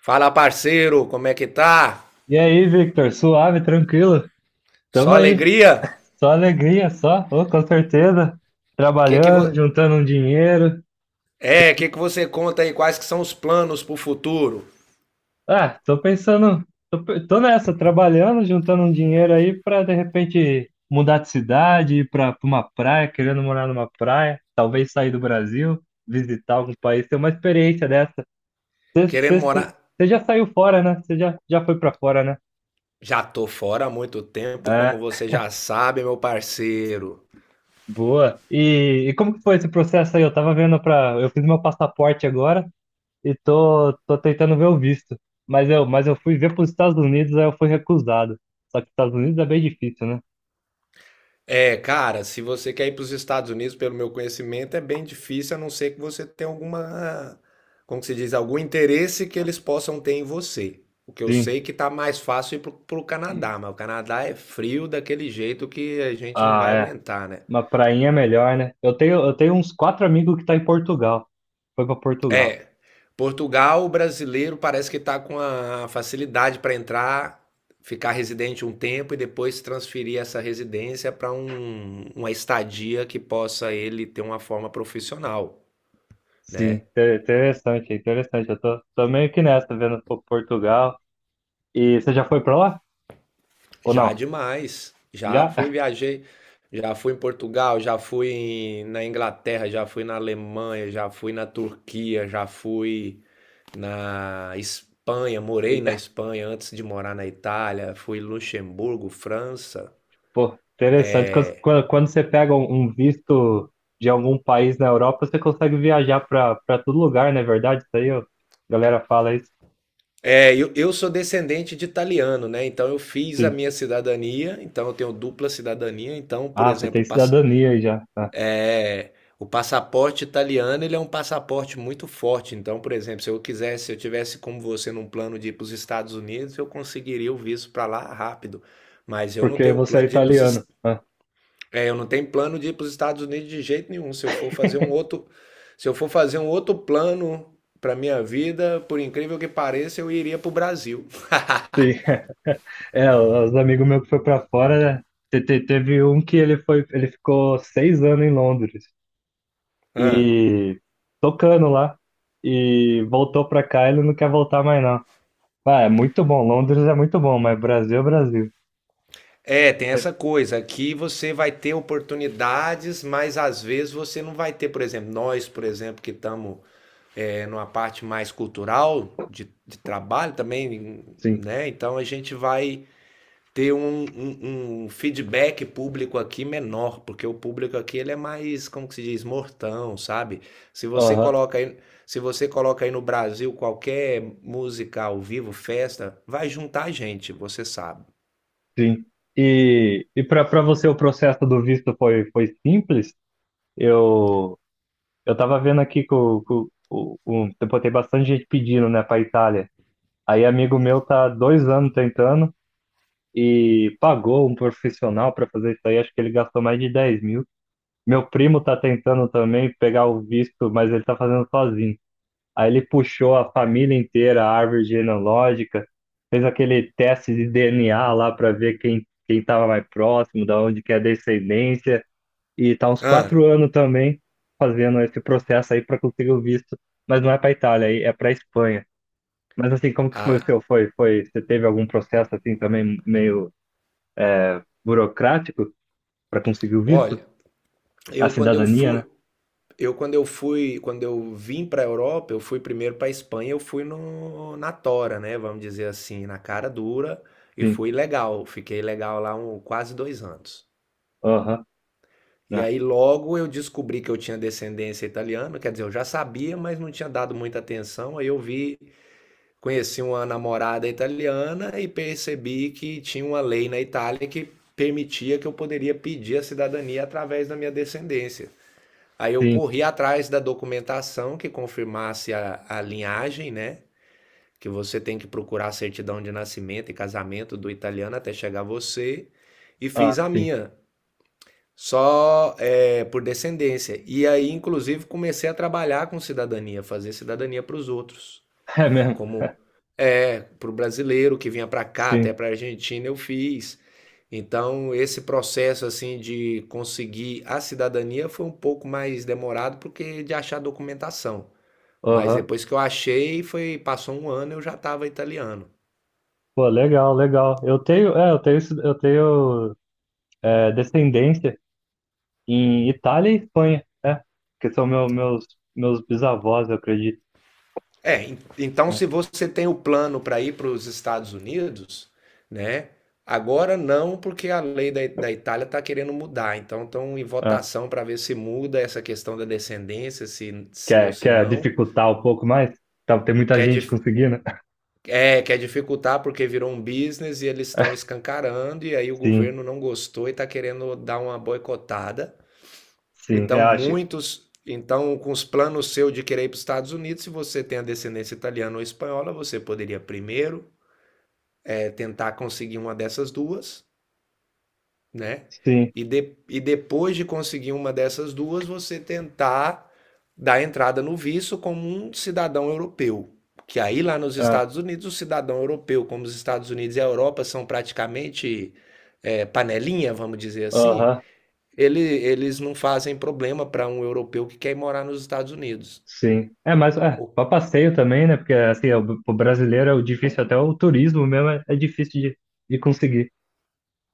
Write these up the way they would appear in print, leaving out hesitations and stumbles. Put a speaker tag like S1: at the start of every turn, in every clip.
S1: Fala, parceiro, como é que tá?
S2: E aí, Victor? Suave, tranquilo? Tamo
S1: Só
S2: aí.
S1: alegria?
S2: Só alegria, só. Ô, com certeza.
S1: Que que vo...
S2: Trabalhando, juntando um dinheiro.
S1: É, o que que você conta aí? Quais que são os planos pro futuro?
S2: Ah, tô pensando. Tô nessa, trabalhando, juntando um dinheiro aí pra de repente mudar de cidade, ir pra uma praia, querendo morar numa praia. Talvez sair do Brasil, visitar algum país, ter uma experiência dessa.
S1: Querendo morar?
S2: Você já saiu fora, né? Você já foi pra fora, né?
S1: Já tô fora há muito tempo,
S2: É.
S1: como você já sabe, meu parceiro.
S2: Boa. E como que foi esse processo aí? Eu tava vendo pra. Eu fiz meu passaporte agora e tô tentando ver o visto. Mas eu fui ver pros Estados Unidos, aí eu fui recusado. Só que Estados Unidos é bem difícil, né?
S1: É, cara, se você quer ir pros Estados Unidos, pelo meu conhecimento, é bem difícil, a não ser que você tenha alguma, como que se diz, algum interesse que eles possam ter em você. O que eu sei
S2: Sim.
S1: é que tá mais fácil ir pro Canadá, mas o Canadá é frio daquele jeito que a gente não
S2: Ah,
S1: vai
S2: é.
S1: aguentar, né?
S2: Uma prainha é melhor, né? Eu tenho uns quatro amigos que tá em Portugal. Foi pra Portugal.
S1: É. Portugal, o brasileiro parece que está com a facilidade para entrar, ficar residente um tempo e depois transferir essa residência para uma estadia que possa ele ter uma forma profissional,
S2: Sim.
S1: né?
S2: Interessante, interessante. Eu tô meio que nessa, vendo Portugal. E você já foi pra lá? Ou
S1: Já
S2: não?
S1: demais. Já
S2: Já?
S1: fui, viajei, já fui em Portugal, na Inglaterra, já fui na Alemanha, já fui na Turquia, já fui na Espanha, morei na Espanha antes de morar na Itália, fui em Luxemburgo, França.
S2: Pô, interessante. Quando você pega um visto de algum país na Europa, você consegue viajar para todo lugar, não é verdade? Isso aí, ó, a galera fala isso.
S1: É, eu sou descendente de italiano, né? Então eu fiz a
S2: Sim.
S1: minha cidadania, então eu tenho dupla cidadania. Então, por
S2: Ah, você tem
S1: exemplo,
S2: cidadania aí já. Ah,
S1: o passaporte italiano, ele é um passaporte muito forte. Então, por exemplo, se eu quisesse, se eu tivesse como você num plano de ir para os Estados Unidos, eu conseguiria o visto para lá rápido. Mas eu não
S2: porque
S1: tenho
S2: você é
S1: plano de ir para os.
S2: italiano. Ah,
S1: É, eu não tenho plano de ir para os Estados Unidos de jeito nenhum. Se eu for fazer um outro, Se eu for fazer um outro plano para minha vida, por incrível que pareça, eu iria para o Brasil.
S2: sim. É, os amigos meus que foi para fora, né? Teve um que ele ficou 6 anos em Londres
S1: Ah,
S2: e tocando lá e voltou para cá, ele não quer voltar mais não. Ah, é muito bom, Londres é muito bom, mas Brasil é Brasil.
S1: é, tem essa coisa. Aqui você vai ter oportunidades, mas às vezes você não vai ter. Por exemplo, nós, por exemplo, que estamos numa parte mais cultural de trabalho também,
S2: Sim,
S1: né? Então a gente vai ter um feedback público aqui menor, porque o público aqui ele é mais, como que se diz, mortão, sabe? Se você
S2: aham,
S1: coloca aí, Se você coloca aí no Brasil qualquer música ao vivo, festa, vai juntar gente, você sabe.
S2: sim. E para você o processo do visto foi simples? Eu eu tava vendo aqui que o tipo, tem bastante gente pedindo, né, para Itália. Aí amigo meu tá 2 anos tentando e pagou um profissional para fazer isso aí. Acho que ele gastou mais de 10 mil. Meu primo tá tentando também pegar o visto, mas ele tá fazendo sozinho. Aí ele puxou a família inteira, a árvore genealógica, fez aquele teste de DNA lá para ver quem estava mais próximo, da onde que é a descendência, e tá uns quatro
S1: Ah,
S2: anos também fazendo esse processo aí para conseguir o visto, mas não é para Itália, aí é para Espanha. Mas assim, como que foi o
S1: ah,
S2: seu? Você teve algum processo assim também meio burocrático para conseguir o visto?
S1: olha,
S2: A
S1: eu quando eu
S2: cidadania, né?
S1: fui, eu quando eu fui, quando eu vim para a Europa, eu fui primeiro para a Espanha, eu fui no, na tora, né? Vamos dizer assim, na cara dura e
S2: Sim.
S1: fui legal, fiquei legal lá um, quase 2 anos.
S2: Aham.
S1: E
S2: Né?
S1: aí logo eu descobri que eu tinha descendência italiana, quer dizer, eu já sabia, mas não tinha dado muita atenção. Aí eu vi, conheci uma namorada italiana e percebi que tinha uma lei na Itália que permitia que eu poderia pedir a cidadania através da minha descendência. Aí eu
S2: Sim.
S1: corri atrás da documentação que confirmasse a linhagem, né? Que você tem que procurar a certidão de nascimento e casamento do italiano até chegar você. E
S2: Ah,
S1: fiz a
S2: sim.
S1: minha. Só é, por descendência. E aí, inclusive, comecei a trabalhar com cidadania, fazer cidadania para os outros.
S2: É mesmo.
S1: Como é, para o brasileiro que vinha para cá, até
S2: Sim.
S1: para a Argentina, eu fiz. Então, esse processo assim de conseguir a cidadania foi um pouco mais demorado porque de achar documentação. Mas
S2: Aham.
S1: depois que eu achei, foi, passou um ano, eu já estava italiano.
S2: Pô, legal, legal. Eu tenho descendência em Itália e Espanha, que são meus bisavós, eu acredito.
S1: É, então se você tem o plano para ir para os Estados Unidos, né? Agora não, porque a lei da Itália está querendo mudar. Então estão em
S2: É,
S1: votação para ver se muda essa questão da descendência, se sim ou
S2: quer,
S1: se
S2: quer
S1: não.
S2: dificultar um pouco mais? Tá, tem muita
S1: Quer,
S2: gente
S1: dif-
S2: conseguindo.
S1: quer dificultar porque virou um business e eles estão escancarando, e aí o
S2: Sim,
S1: governo não gostou e está querendo dar uma boicotada.
S2: sim, eu
S1: Então,
S2: acho.
S1: muitos. Então, com os planos seu de querer ir para os Estados Unidos, se você tem a descendência italiana ou espanhola, você poderia primeiro tentar conseguir uma dessas duas, né?
S2: Sim,
S1: E depois de conseguir uma dessas duas, você tentar dar entrada no visto como um cidadão europeu. Que aí lá nos
S2: é,
S1: Estados Unidos, o cidadão europeu, como os Estados Unidos e a Europa são praticamente panelinha, vamos dizer assim,
S2: aham,
S1: eles não fazem problema para um europeu que quer ir morar nos Estados Unidos.
S2: sim. É, mas
S1: O
S2: para passeio também, né? Porque assim, o brasileiro é o difícil, até o turismo mesmo é difícil de conseguir.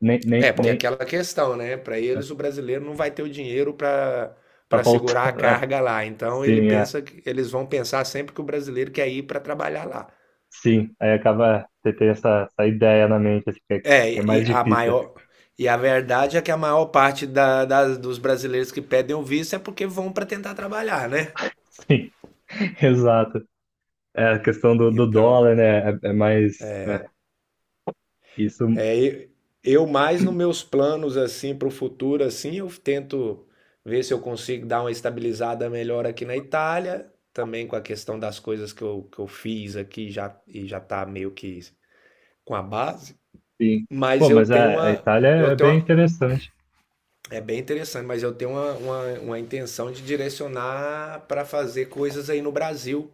S2: Nem,
S1: É,
S2: nem,
S1: porque é
S2: nem,
S1: aquela questão, né? Para
S2: é,
S1: eles, o brasileiro não vai ter o dinheiro para
S2: a
S1: para
S2: volta.
S1: segurar a
S2: É,
S1: carga lá. Então ele
S2: sim, é.
S1: pensa que eles vão pensar sempre que o brasileiro quer ir para trabalhar lá.
S2: Sim, aí acaba você ter essa ideia na mente, assim, que é,
S1: É,
S2: mais difícil.
S1: e a verdade é que a maior parte dos brasileiros que pedem o visto é porque vão para tentar trabalhar, né?
S2: Sim, exato. É, a questão do
S1: Então,
S2: dólar, né? É mais. É, isso,
S1: É, e- eu mais nos meus planos assim para o futuro assim, eu tento ver se eu consigo dar uma estabilizada melhor aqui na Itália, também com a questão das coisas que eu fiz aqui já e já tá meio que com a base,
S2: sim.
S1: mas
S2: Pô, mas a Itália
S1: eu
S2: é
S1: tenho
S2: bem
S1: uma,
S2: interessante.
S1: é bem interessante, mas eu tenho uma intenção de direcionar para fazer coisas aí no Brasil,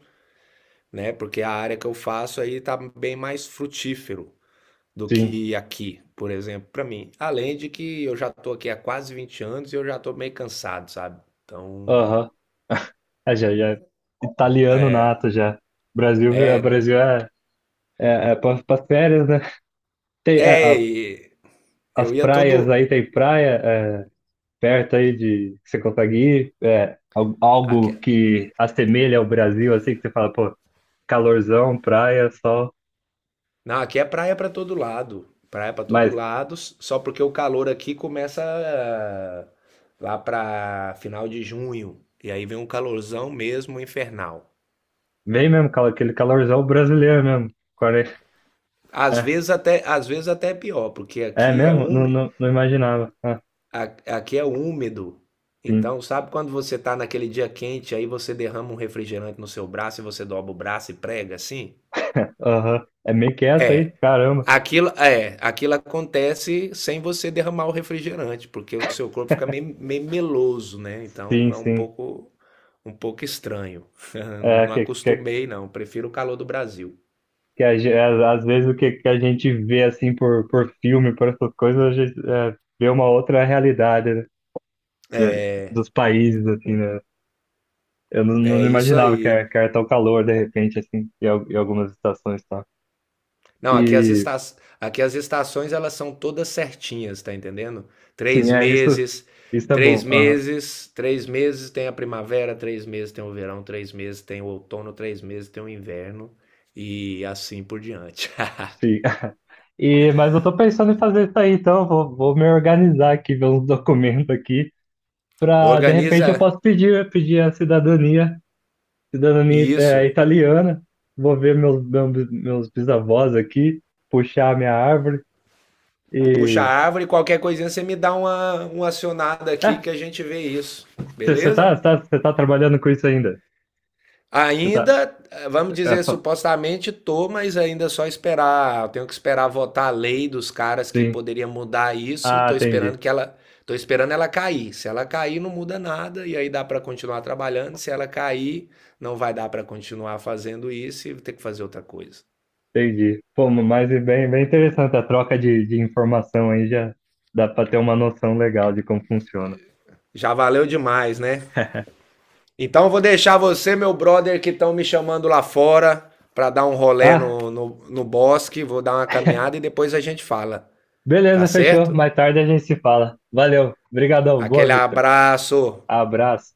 S1: né? Porque a área que eu faço aí tá bem mais frutífero do
S2: Sim,
S1: que aqui, por exemplo, para mim. Além de que eu já tô aqui há quase 20 anos e eu já tô meio cansado, sabe? Então,
S2: aham. É, já, é italiano nato já. Brasil, a
S1: é,
S2: Brasil é, é para as férias, né? Tem,
S1: é, e
S2: as
S1: eu ia todo
S2: praias aí, tem praia perto aí de que você consegue ir. É, al-
S1: aqui,
S2: algo que assemelha ao Brasil, assim, que você fala, pô. Calorzão, praia, sol.
S1: não, aqui é praia para todo lado, praia para todo
S2: Mas
S1: lado, só porque o calor aqui começa lá para final de junho e aí vem um calorzão mesmo infernal.
S2: vem mesmo, aquele calorzão brasileiro mesmo. 40. É,
S1: Às vezes até é pior, porque
S2: é
S1: aqui é
S2: mesmo? Não,
S1: úmido,
S2: não, não imaginava. Ah,
S1: aqui é úmido.
S2: sim.
S1: Então, sabe quando você tá naquele dia quente, aí você derrama um refrigerante no seu braço e você dobra o braço e prega assim?
S2: Aham. É meio que essa aí?
S1: É,
S2: Caramba.
S1: aquilo acontece sem você derramar o refrigerante, porque o seu corpo fica meio meloso, né? Então
S2: Sim,
S1: é um
S2: sim.
S1: pouco um pouco estranho.
S2: É,
S1: Não
S2: que, que,
S1: acostumei, não. Prefiro o calor do Brasil.
S2: que às vezes o que, que a gente vê assim por filme, por essas coisas, a gente vê uma outra realidade, né? De- dos países, assim, né? Eu não,
S1: É
S2: não
S1: isso
S2: imaginava que
S1: aí.
S2: era, que era tão calor de repente, assim, em algumas estações, tá?
S1: Não, aqui aqui as estações elas são todas certinhas, tá entendendo?
S2: Sim,
S1: Três
S2: é isso.
S1: meses,
S2: Isso é
S1: três
S2: bom. Aham,
S1: meses, três meses tem a primavera, 3 meses tem o verão, 3 meses tem o outono, 3 meses tem o inverno e assim por diante.
S2: sim. E, mas eu tô pensando em fazer isso aí, então vou me organizar aqui, ver uns documentos aqui, para de repente
S1: Organiza
S2: eu posso pedir a cidadania, cidadania
S1: isso,
S2: italiana. Vou ver meus bisavós aqui, puxar a minha árvore
S1: puxa a
S2: e.
S1: árvore, qualquer coisinha você me dá uma acionada aqui
S2: É,
S1: que a gente vê isso,
S2: você
S1: beleza?
S2: tá, cê tá, cê tá trabalhando com isso ainda? Você tá.
S1: Ainda, vamos
S2: é,
S1: dizer,
S2: fa-
S1: supostamente tô, mas ainda é só esperar, eu tenho que esperar votar a lei dos caras que
S2: sim.
S1: poderia mudar isso.
S2: Ah,
S1: Tô esperando
S2: entendi.
S1: que ela, tô esperando ela cair. Se ela cair, não muda nada e aí dá para continuar trabalhando. Se ela cair, não vai dar para continuar fazendo isso e vou ter que fazer outra coisa.
S2: Entendi. Pô, mas é bem, bem interessante a troca de informação aí, já dá para ter uma noção legal de como funciona.
S1: Já valeu demais, né? Então eu vou deixar você, meu brother, que estão me chamando lá fora para dar um rolê
S2: Ah,
S1: no bosque, vou dar uma caminhada e depois a gente fala, tá
S2: beleza, fechou.
S1: certo?
S2: Mais tarde a gente se fala. Valeu. Obrigadão. Boa,
S1: Aquele
S2: Victor.
S1: abraço.
S2: Abraço.